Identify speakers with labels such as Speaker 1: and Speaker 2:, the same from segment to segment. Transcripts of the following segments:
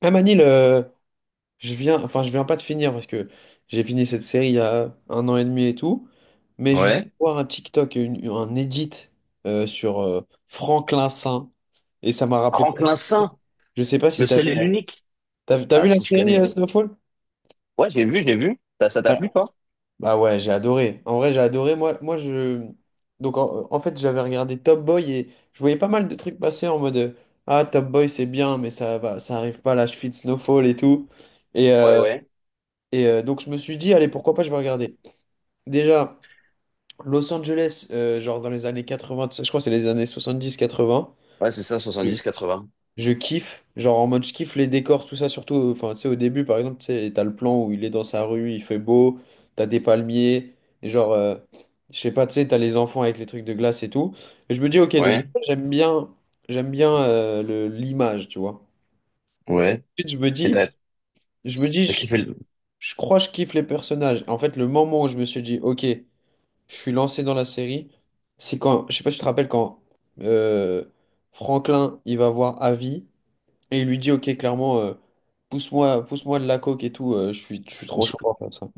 Speaker 1: Ah Manil, je viens, enfin je viens pas de finir parce que j'ai fini cette série il y a 1 an et demi et tout, mais je viens de
Speaker 2: Ouais.
Speaker 1: voir un TikTok, un edit sur Franklin Saint et ça m'a rappelé.
Speaker 2: Franklin Saint,
Speaker 1: Je sais pas si
Speaker 2: le
Speaker 1: t'as
Speaker 2: seul
Speaker 1: vu
Speaker 2: et l'unique.
Speaker 1: t'as
Speaker 2: Ah,
Speaker 1: vu la
Speaker 2: si, je
Speaker 1: série
Speaker 2: connais.
Speaker 1: Snowfall?
Speaker 2: Ouais, j'ai vu, j'ai vu. Ça t'a plu, toi?
Speaker 1: Bah ouais, j'ai adoré. En vrai, j'ai adoré. Moi, je, en fait j'avais regardé Top Boy et je voyais pas mal de trucs passer en mode ah Top Boy c'est bien mais ça va, ça arrive pas à la cheville de Snowfall et tout et
Speaker 2: Ouais,
Speaker 1: euh,
Speaker 2: ouais.
Speaker 1: et donc je me suis dit, allez, pourquoi pas, je vais regarder. Déjà, Los Angeles, genre dans les années 80, tout ça, je crois que c'est les années 70-80,
Speaker 2: Ouais, c'est ça, 70-80.
Speaker 1: je kiffe, genre en mode je kiffe les décors, tout ça, surtout, enfin, tu sais, au début, par exemple, tu sais, t'as le plan où il est dans sa rue, il fait beau, t'as des palmiers, et genre, je sais pas, tu sais, t'as les enfants avec les trucs de glace et tout, et je me dis, ok, donc
Speaker 2: Ouais,
Speaker 1: j'aime bien, j'aime bien l'image, tu vois.
Speaker 2: ouais.
Speaker 1: Ensuite,
Speaker 2: Et t'as
Speaker 1: je me dis,
Speaker 2: t'as kiffé le…
Speaker 1: je crois que je kiffe les personnages. En fait, le moment où je me suis dit, ok, je suis lancé dans la série. C'est quand, je sais pas si tu te rappelles quand euh, Franklin il va voir Avi et il lui dit ok clairement, pousse-moi de la coke et tout, je suis trop chaud pour faire ça.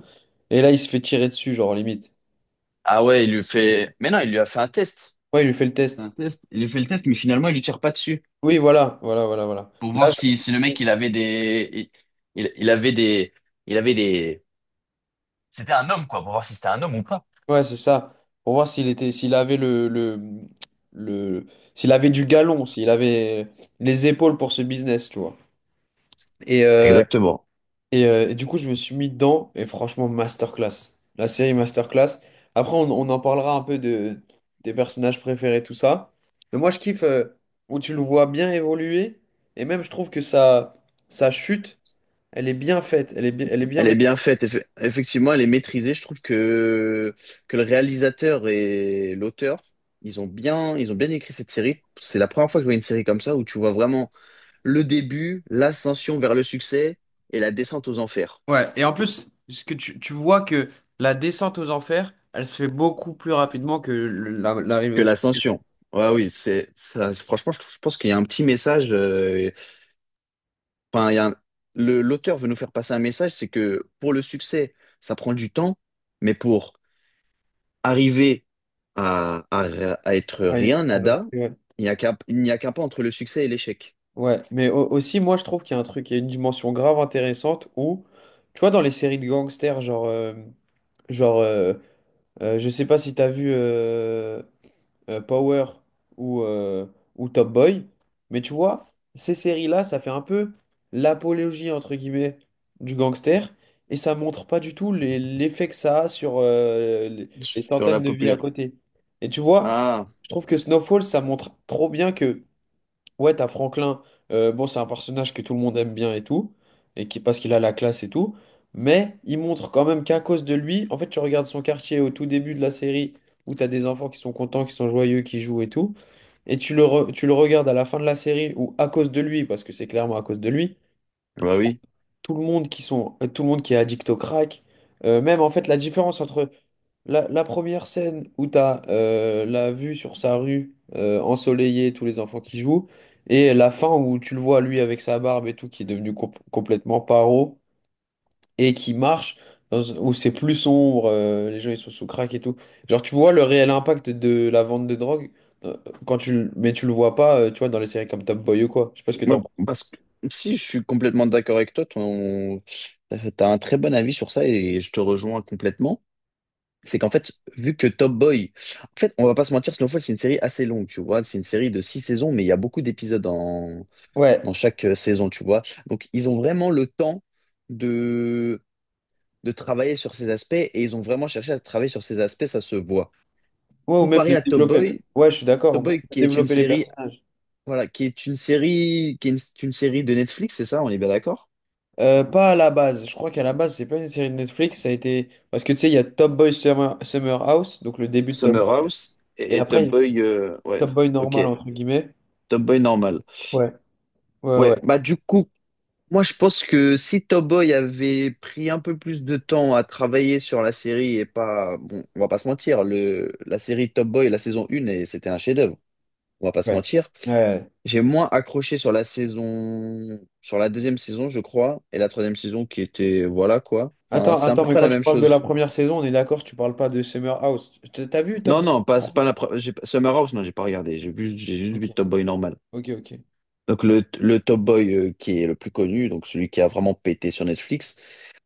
Speaker 1: Et là il se fait tirer dessus genre limite.
Speaker 2: Ah ouais, il lui fait… Mais non, il lui a fait un test.
Speaker 1: Ouais il lui fait le test.
Speaker 2: Un test. Il lui fait le test, mais finalement, il lui tire pas dessus.
Speaker 1: Oui voilà, voilà, voilà, voilà.
Speaker 2: Pour
Speaker 1: Là
Speaker 2: voir
Speaker 1: je
Speaker 2: si, si le
Speaker 1: me
Speaker 2: mec,
Speaker 1: dis,
Speaker 2: il avait des… Il avait des… Il avait des… C'était un homme, quoi, pour voir si c'était un homme ou pas.
Speaker 1: ouais c'est ça pour voir s'il était s'il avait le s'il avait du galon s'il avait les épaules pour ce business tu vois. Et euh,
Speaker 2: Exactement.
Speaker 1: et du coup, je me suis mis dedans, et franchement, masterclass. La série masterclass. Après, on en parlera un peu de, des personnages préférés, tout ça. Mais moi, je kiffe où tu le vois bien évoluer, et même, je trouve que sa, sa chute, elle est bien faite, elle est bien
Speaker 2: Elle est
Speaker 1: maîtrisée.
Speaker 2: bien faite, effectivement, elle est maîtrisée. Que le réalisateur et l'auteur, ils ont bien écrit cette série. C'est la première fois que je vois une série comme ça où tu vois vraiment le début, l'ascension vers le succès et la descente aux enfers.
Speaker 1: Ouais, et en plus, ce que tu vois que la descente aux enfers, elle se fait beaucoup plus rapidement que l'arrivée
Speaker 2: Que
Speaker 1: au sommet.
Speaker 2: l'ascension. Ouais, oui, c'est ça. Franchement, je pense qu'il y a un petit message. Enfin, il y a un- l'auteur veut nous faire passer un message, c'est que pour le succès, ça prend du temps, mais pour arriver à, à, à être rien, nada,
Speaker 1: Ouais.
Speaker 2: il n'y a qu'un pas entre le succès et l'échec.
Speaker 1: Ouais, mais aussi, moi, je trouve qu'il y a un truc, il y a une dimension grave intéressante où, tu vois, dans les séries de gangsters, genre, je sais pas si t'as vu Power ou, euh, ou Top Boy, mais tu vois, ces séries-là, ça fait un peu l'apologie, entre guillemets, du gangster, et ça montre pas du tout l'effet que ça a sur les
Speaker 2: Sur la
Speaker 1: centaines de vies à
Speaker 2: populaire.
Speaker 1: côté. Et tu vois,
Speaker 2: Ah,
Speaker 1: je trouve que Snowfall, ça montre trop bien. Ouais, t'as Franklin. Bon, c'est un personnage que tout le monde aime bien et tout, et qui parce qu'il a la classe et tout. Mais il montre quand même qu'à cause de lui, en fait, tu regardes son quartier au tout début de la série où t'as des enfants qui sont contents, qui sont joyeux, qui jouent et tout, et tu le regardes à la fin de la série où à cause de lui, parce que c'est clairement à cause de lui,
Speaker 2: bah oui.
Speaker 1: tout le monde qui est addict au crack. Même en fait, la différence entre la, la première scène où tu as la vue sur sa rue ensoleillée, tous les enfants qui jouent, et la fin où tu le vois lui avec sa barbe et tout, qui est devenu complètement paro et qui marche, où c'est plus sombre, les gens ils sont sous crack et tout. Genre, tu vois le réel impact de la vente de drogue. euh, mais tu le vois pas, tu vois, dans les séries comme Top Boy ou quoi. Je sais pas ce que
Speaker 2: Moi,
Speaker 1: t'en penses.
Speaker 2: parce que si je suis complètement d'accord avec toi, ton… T'as un très bon avis sur ça et je te rejoins complètement. C'est qu'en fait, vu que Top Boy, en fait, on va pas se mentir, Snowfall, c'est une série assez longue, tu vois. C'est une série de six saisons, mais il y a beaucoup d'épisodes dans…
Speaker 1: Ouais,
Speaker 2: dans chaque saison, tu vois. Donc, ils ont vraiment le temps de travailler sur ces aspects et ils ont vraiment cherché à travailler sur ces aspects, ça se voit.
Speaker 1: ouais, ou même
Speaker 2: Comparé
Speaker 1: de
Speaker 2: à Top
Speaker 1: développer.
Speaker 2: Boy,
Speaker 1: Ouais, je suis d'accord. On peut
Speaker 2: Qui est une
Speaker 1: développer les
Speaker 2: série,
Speaker 1: personnages.
Speaker 2: voilà, qui est une série, qui est une série de Netflix, c'est ça, on est bien d'accord?
Speaker 1: Pas à la base. Je crois qu'à la base, c'est pas une série de Netflix. Ça a été. Parce que tu sais, il y a Top Boy Summer, Summer House, donc le début de Top
Speaker 2: Summer
Speaker 1: Boy.
Speaker 2: House
Speaker 1: Et
Speaker 2: et
Speaker 1: après,
Speaker 2: Top
Speaker 1: il y a
Speaker 2: Boy, ouais,
Speaker 1: Top Boy
Speaker 2: ok,
Speaker 1: normal, entre guillemets.
Speaker 2: Top Boy normal.
Speaker 1: Ouais. Ouais,
Speaker 2: Ouais,
Speaker 1: ouais.
Speaker 2: bah du coup, moi je pense que si Top Boy avait pris un peu plus de temps à travailler sur la série et pas, bon, on va pas se mentir, la série Top Boy, la saison 1, et c'était un chef-d'œuvre, on va pas se
Speaker 1: Ouais.
Speaker 2: mentir.
Speaker 1: Ouais.
Speaker 2: J'ai moins accroché sur la saison, sur la deuxième saison, je crois, et la troisième saison qui était, voilà quoi. Enfin,
Speaker 1: Attends,
Speaker 2: c'est à
Speaker 1: attends,
Speaker 2: peu
Speaker 1: mais
Speaker 2: près
Speaker 1: quand
Speaker 2: la
Speaker 1: tu
Speaker 2: même
Speaker 1: parles de la
Speaker 2: chose.
Speaker 1: première saison, on est d'accord, tu parles pas de Summer House. T'as vu Top
Speaker 2: Non,
Speaker 1: Boy
Speaker 2: non, pas,
Speaker 1: Summer
Speaker 2: c'est
Speaker 1: House?
Speaker 2: pas la j'ai pas- Summer House, non, j'ai pas regardé. J'ai vu, j'ai juste
Speaker 1: Ok,
Speaker 2: vu Top Boy normal.
Speaker 1: ok.
Speaker 2: Donc le Top Boy qui est le plus connu, donc celui qui a vraiment pété sur Netflix.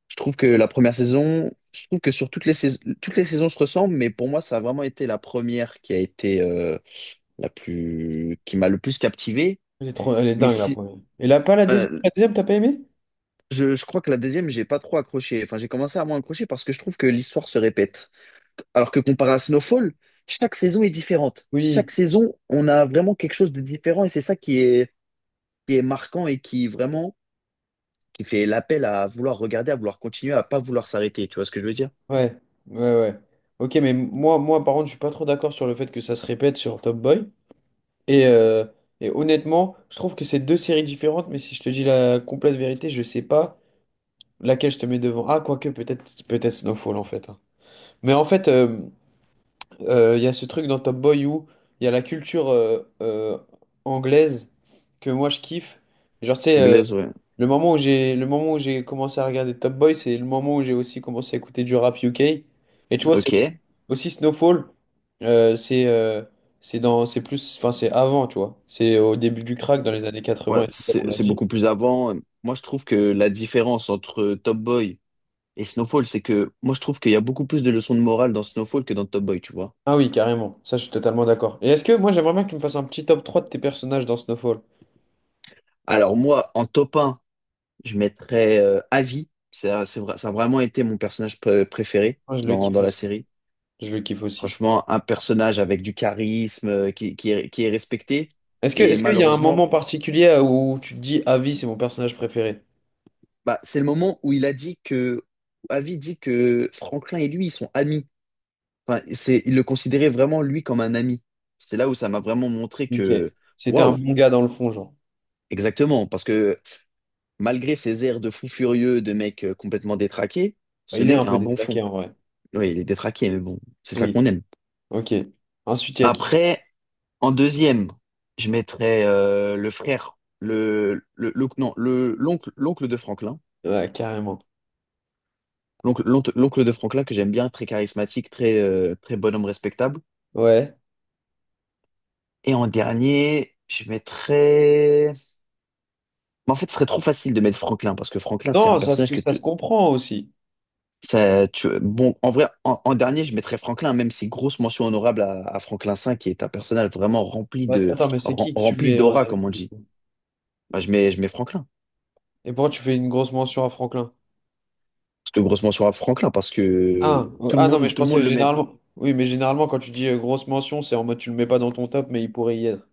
Speaker 2: Je trouve que la première saison, je trouve que sur toutes les saisons se ressemblent, mais pour moi, ça a vraiment été la première qui a été la plus, qui m'a le plus captivé.
Speaker 1: Elle est trop, elle est
Speaker 2: Mais
Speaker 1: dingue la
Speaker 2: si,
Speaker 1: première. Et là, pas la
Speaker 2: voilà,
Speaker 1: deuxième? La deuxième, t'as pas aimé?
Speaker 2: Je crois que la deuxième, j'ai pas trop accroché. Enfin, j'ai commencé à moins accrocher parce que je trouve que l'histoire se répète. Alors que comparé à Snowfall, chaque saison est différente.
Speaker 1: Oui.
Speaker 2: Chaque saison, on a vraiment quelque chose de différent et c'est ça qui est marquant et qui vraiment qui fait l'appel à vouloir regarder, à vouloir continuer, à pas vouloir s'arrêter. Tu vois ce que je veux dire?
Speaker 1: Ouais, ouais. Ok, mais moi, par contre, je suis pas trop d'accord sur le fait que ça se répète sur Top Boy. Et, euh, et honnêtement, je trouve que c'est deux séries différentes, mais si je te dis la complète vérité, je sais pas laquelle je te mets devant. Ah, quoique, peut-être Snowfall, en fait. Hein. Mais en fait, il y a ce truc dans Top Boy où il y a la culture anglaise que moi, je kiffe. Genre, tu sais,
Speaker 2: Anglaise, ouais.
Speaker 1: le moment où j'ai commencé à regarder Top Boy, c'est le moment où j'ai aussi commencé à écouter du rap UK. Et tu vois, c'est
Speaker 2: Ok.
Speaker 1: aussi Snowfall. euh, c'est euh, c'est plus, enfin, c'est avant, tu vois. C'est au début du crack dans les années
Speaker 2: Ouais,
Speaker 1: 80, et tout, comme on l'a
Speaker 2: c'est
Speaker 1: dit.
Speaker 2: beaucoup plus avant. Moi, je trouve que la différence entre Top Boy et Snowfall, c'est que moi, je trouve qu'il y a beaucoup plus de leçons de morale dans Snowfall que dans Top Boy, tu vois.
Speaker 1: Ah oui, carrément. Ça, je suis totalement d'accord. Et est-ce que moi, j'aimerais bien que tu me fasses un petit top 3 de tes personnages dans Snowfall?
Speaker 2: Alors moi, en top, je mettrais Avi. Ça a vraiment été mon personnage préféré
Speaker 1: Moi, je le
Speaker 2: dans,
Speaker 1: kiffe
Speaker 2: dans la
Speaker 1: aussi.
Speaker 2: série.
Speaker 1: Je le kiffe aussi.
Speaker 2: Franchement, un personnage avec du charisme, qui est respecté.
Speaker 1: Est-ce que,
Speaker 2: Et
Speaker 1: est-ce qu'il y a un
Speaker 2: malheureusement,
Speaker 1: moment particulier où tu te dis, à vie, c'est mon personnage préféré?
Speaker 2: bah, c'est le moment où il a dit que… où Avi dit que Franklin et lui, ils sont amis. Enfin, c'est, il le considérait vraiment, lui, comme un ami. C'est là où ça m'a vraiment montré
Speaker 1: Ok.
Speaker 2: que…
Speaker 1: C'était un
Speaker 2: Waouh!
Speaker 1: bon gars dans le fond, genre.
Speaker 2: Exactement. Parce que malgré ses airs de fou furieux, de mec complètement détraqué, ce
Speaker 1: Il est un
Speaker 2: mec a
Speaker 1: peu
Speaker 2: un bon
Speaker 1: détraqué
Speaker 2: fond.
Speaker 1: en vrai.
Speaker 2: Oui, il est détraqué, mais bon, c'est ça
Speaker 1: Oui.
Speaker 2: qu'on aime.
Speaker 1: Ok. Ensuite, il y a qui?
Speaker 2: Après, en deuxième, je mettrais le frère, le- non, le, l'oncle, l'oncle de Franklin.
Speaker 1: Ouais, carrément.
Speaker 2: L'oncle de Franklin que j'aime bien, très charismatique, très, très bonhomme respectable.
Speaker 1: Ouais.
Speaker 2: Et en dernier, je mettrais… Mais en fait, ce serait trop facile de mettre Franklin, parce que Franklin, c'est un
Speaker 1: Non,
Speaker 2: personnage que
Speaker 1: ça se
Speaker 2: tu…
Speaker 1: comprend aussi.
Speaker 2: Ça, tu… Bon, en vrai, en dernier, je mettrais Franklin, même si grosse mention honorable à Franklin V, qui est un personnage vraiment rempli
Speaker 1: Ouais,
Speaker 2: de,
Speaker 1: attends, mais c'est qui que tu
Speaker 2: rempli
Speaker 1: mets en
Speaker 2: d'aura,
Speaker 1: dernier,
Speaker 2: comme on
Speaker 1: du
Speaker 2: dit.
Speaker 1: coup?
Speaker 2: Bah, je mets Franklin.
Speaker 1: Et pourquoi tu fais une grosse mention à Franklin?
Speaker 2: C'est une grosse mention à Franklin parce que
Speaker 1: Ah, ah non, mais je
Speaker 2: tout le monde
Speaker 1: pensais
Speaker 2: le met.
Speaker 1: généralement. Oui, mais généralement, quand tu dis grosse mention, c'est en mode tu le mets pas dans ton top, mais il pourrait y être.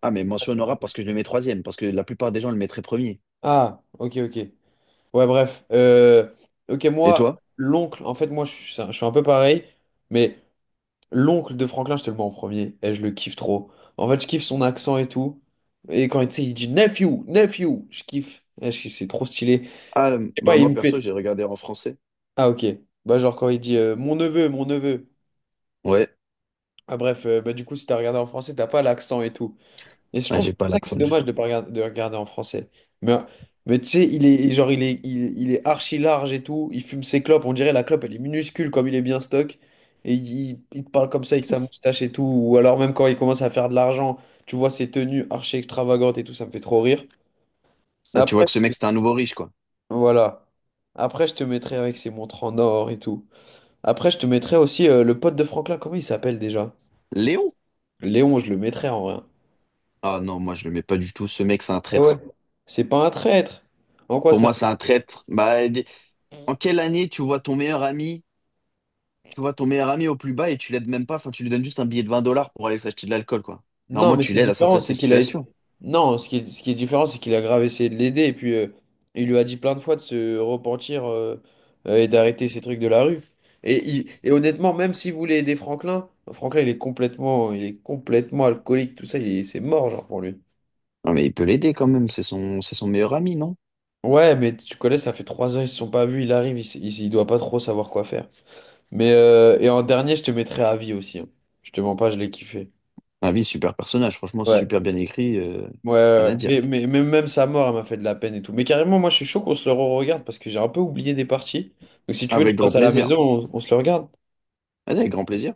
Speaker 2: Ah, mais mention honorable parce que je le mets troisième, parce que la plupart des gens le mettraient premier.
Speaker 1: Ah, ok, ok. Ouais, bref. Ok,
Speaker 2: Et
Speaker 1: moi,
Speaker 2: toi?
Speaker 1: l'oncle, en fait, je suis un peu pareil, mais l'oncle de Franklin, je te le mets en premier. Et je le kiffe trop. En fait, je kiffe son accent et tout. Et quand tu sais, il dit nephew, je kiffe. Eh, c'est trop stylé. Je
Speaker 2: Ah,
Speaker 1: sais
Speaker 2: bah
Speaker 1: pas, il
Speaker 2: moi
Speaker 1: me
Speaker 2: perso,
Speaker 1: fait.
Speaker 2: j'ai regardé en français.
Speaker 1: Ah, ok. Bah, genre quand il dit mon neveu.
Speaker 2: Ouais,
Speaker 1: Ah, bref, bah, du coup, si t'as regardé en français, t'as pas l'accent et tout. Et je
Speaker 2: ah,
Speaker 1: trouve
Speaker 2: j'ai
Speaker 1: c'est
Speaker 2: pas
Speaker 1: pour ça que c'est
Speaker 2: l'accent du
Speaker 1: dommage
Speaker 2: tout.
Speaker 1: de pas regarder, de regarder en français. Mais, mais tu sais, il est archi large et tout. Il fume ses clopes. On dirait la clope, elle est minuscule comme il est bien stock. Et il te parle comme ça avec sa moustache et tout. Ou alors même quand il commence à faire de l'argent, tu vois ses tenues archi extravagantes et tout, ça me fait trop rire.
Speaker 2: Là, tu
Speaker 1: Après,
Speaker 2: vois que ce mec, c'est un nouveau riche, quoi.
Speaker 1: voilà. Après, je te mettrai avec ses montres en or et tout. Après, je te mettrai aussi le pote de Franklin. Comment il s'appelle déjà?
Speaker 2: Léon?
Speaker 1: Léon, je le mettrai en vrai.
Speaker 2: Ah non, moi, je le mets pas du tout. Ce mec, c'est un
Speaker 1: Ah ouais.
Speaker 2: traître.
Speaker 1: C'est pas un traître. En quoi
Speaker 2: Pour
Speaker 1: c'est...
Speaker 2: moi, c'est un traître. En quelle année tu vois ton meilleur ami, tu vois ton meilleur ami au plus bas et tu l'aides même pas, enfin, tu lui donnes juste un billet de 20 dollars pour aller s'acheter de l'alcool, quoi.
Speaker 1: Non,
Speaker 2: Normalement,
Speaker 1: mais
Speaker 2: tu
Speaker 1: c'est
Speaker 2: l'aides à sortir
Speaker 1: différent,
Speaker 2: de
Speaker 1: c'est
Speaker 2: cette
Speaker 1: qu'il a essa-
Speaker 2: situation.
Speaker 1: non, ce qui est différent, c'est qu'il a grave essayé de l'aider et puis il lui a dit plein de fois de se repentir et d'arrêter ces trucs de la rue. Et, et honnêtement, même s'il voulait aider Franklin, il est complètement alcoolique, tout ça, c'est mort genre pour lui.
Speaker 2: Non, mais il peut l'aider quand même, c'est son meilleur ami, non?
Speaker 1: Ouais, mais tu connais, ça fait 3 ans, ils se sont pas vus, il arrive, il doit pas trop savoir quoi faire. Mais et en dernier, je te mettrai à vie aussi. Hein. Je te mens pas, je l'ai kiffé.
Speaker 2: Ah oui, super personnage, franchement,
Speaker 1: Ouais.
Speaker 2: super bien écrit,
Speaker 1: Ouais,
Speaker 2: rien à dire.
Speaker 1: mais même sa mort, elle m'a fait de la peine et tout. Mais carrément, moi, je suis chaud qu'on se le regarde parce que j'ai un peu oublié des parties. Donc, si tu veux, tu
Speaker 2: Avec grand
Speaker 1: passes à la
Speaker 2: plaisir.
Speaker 1: maison, on se le regarde.
Speaker 2: Vas-y, avec grand plaisir.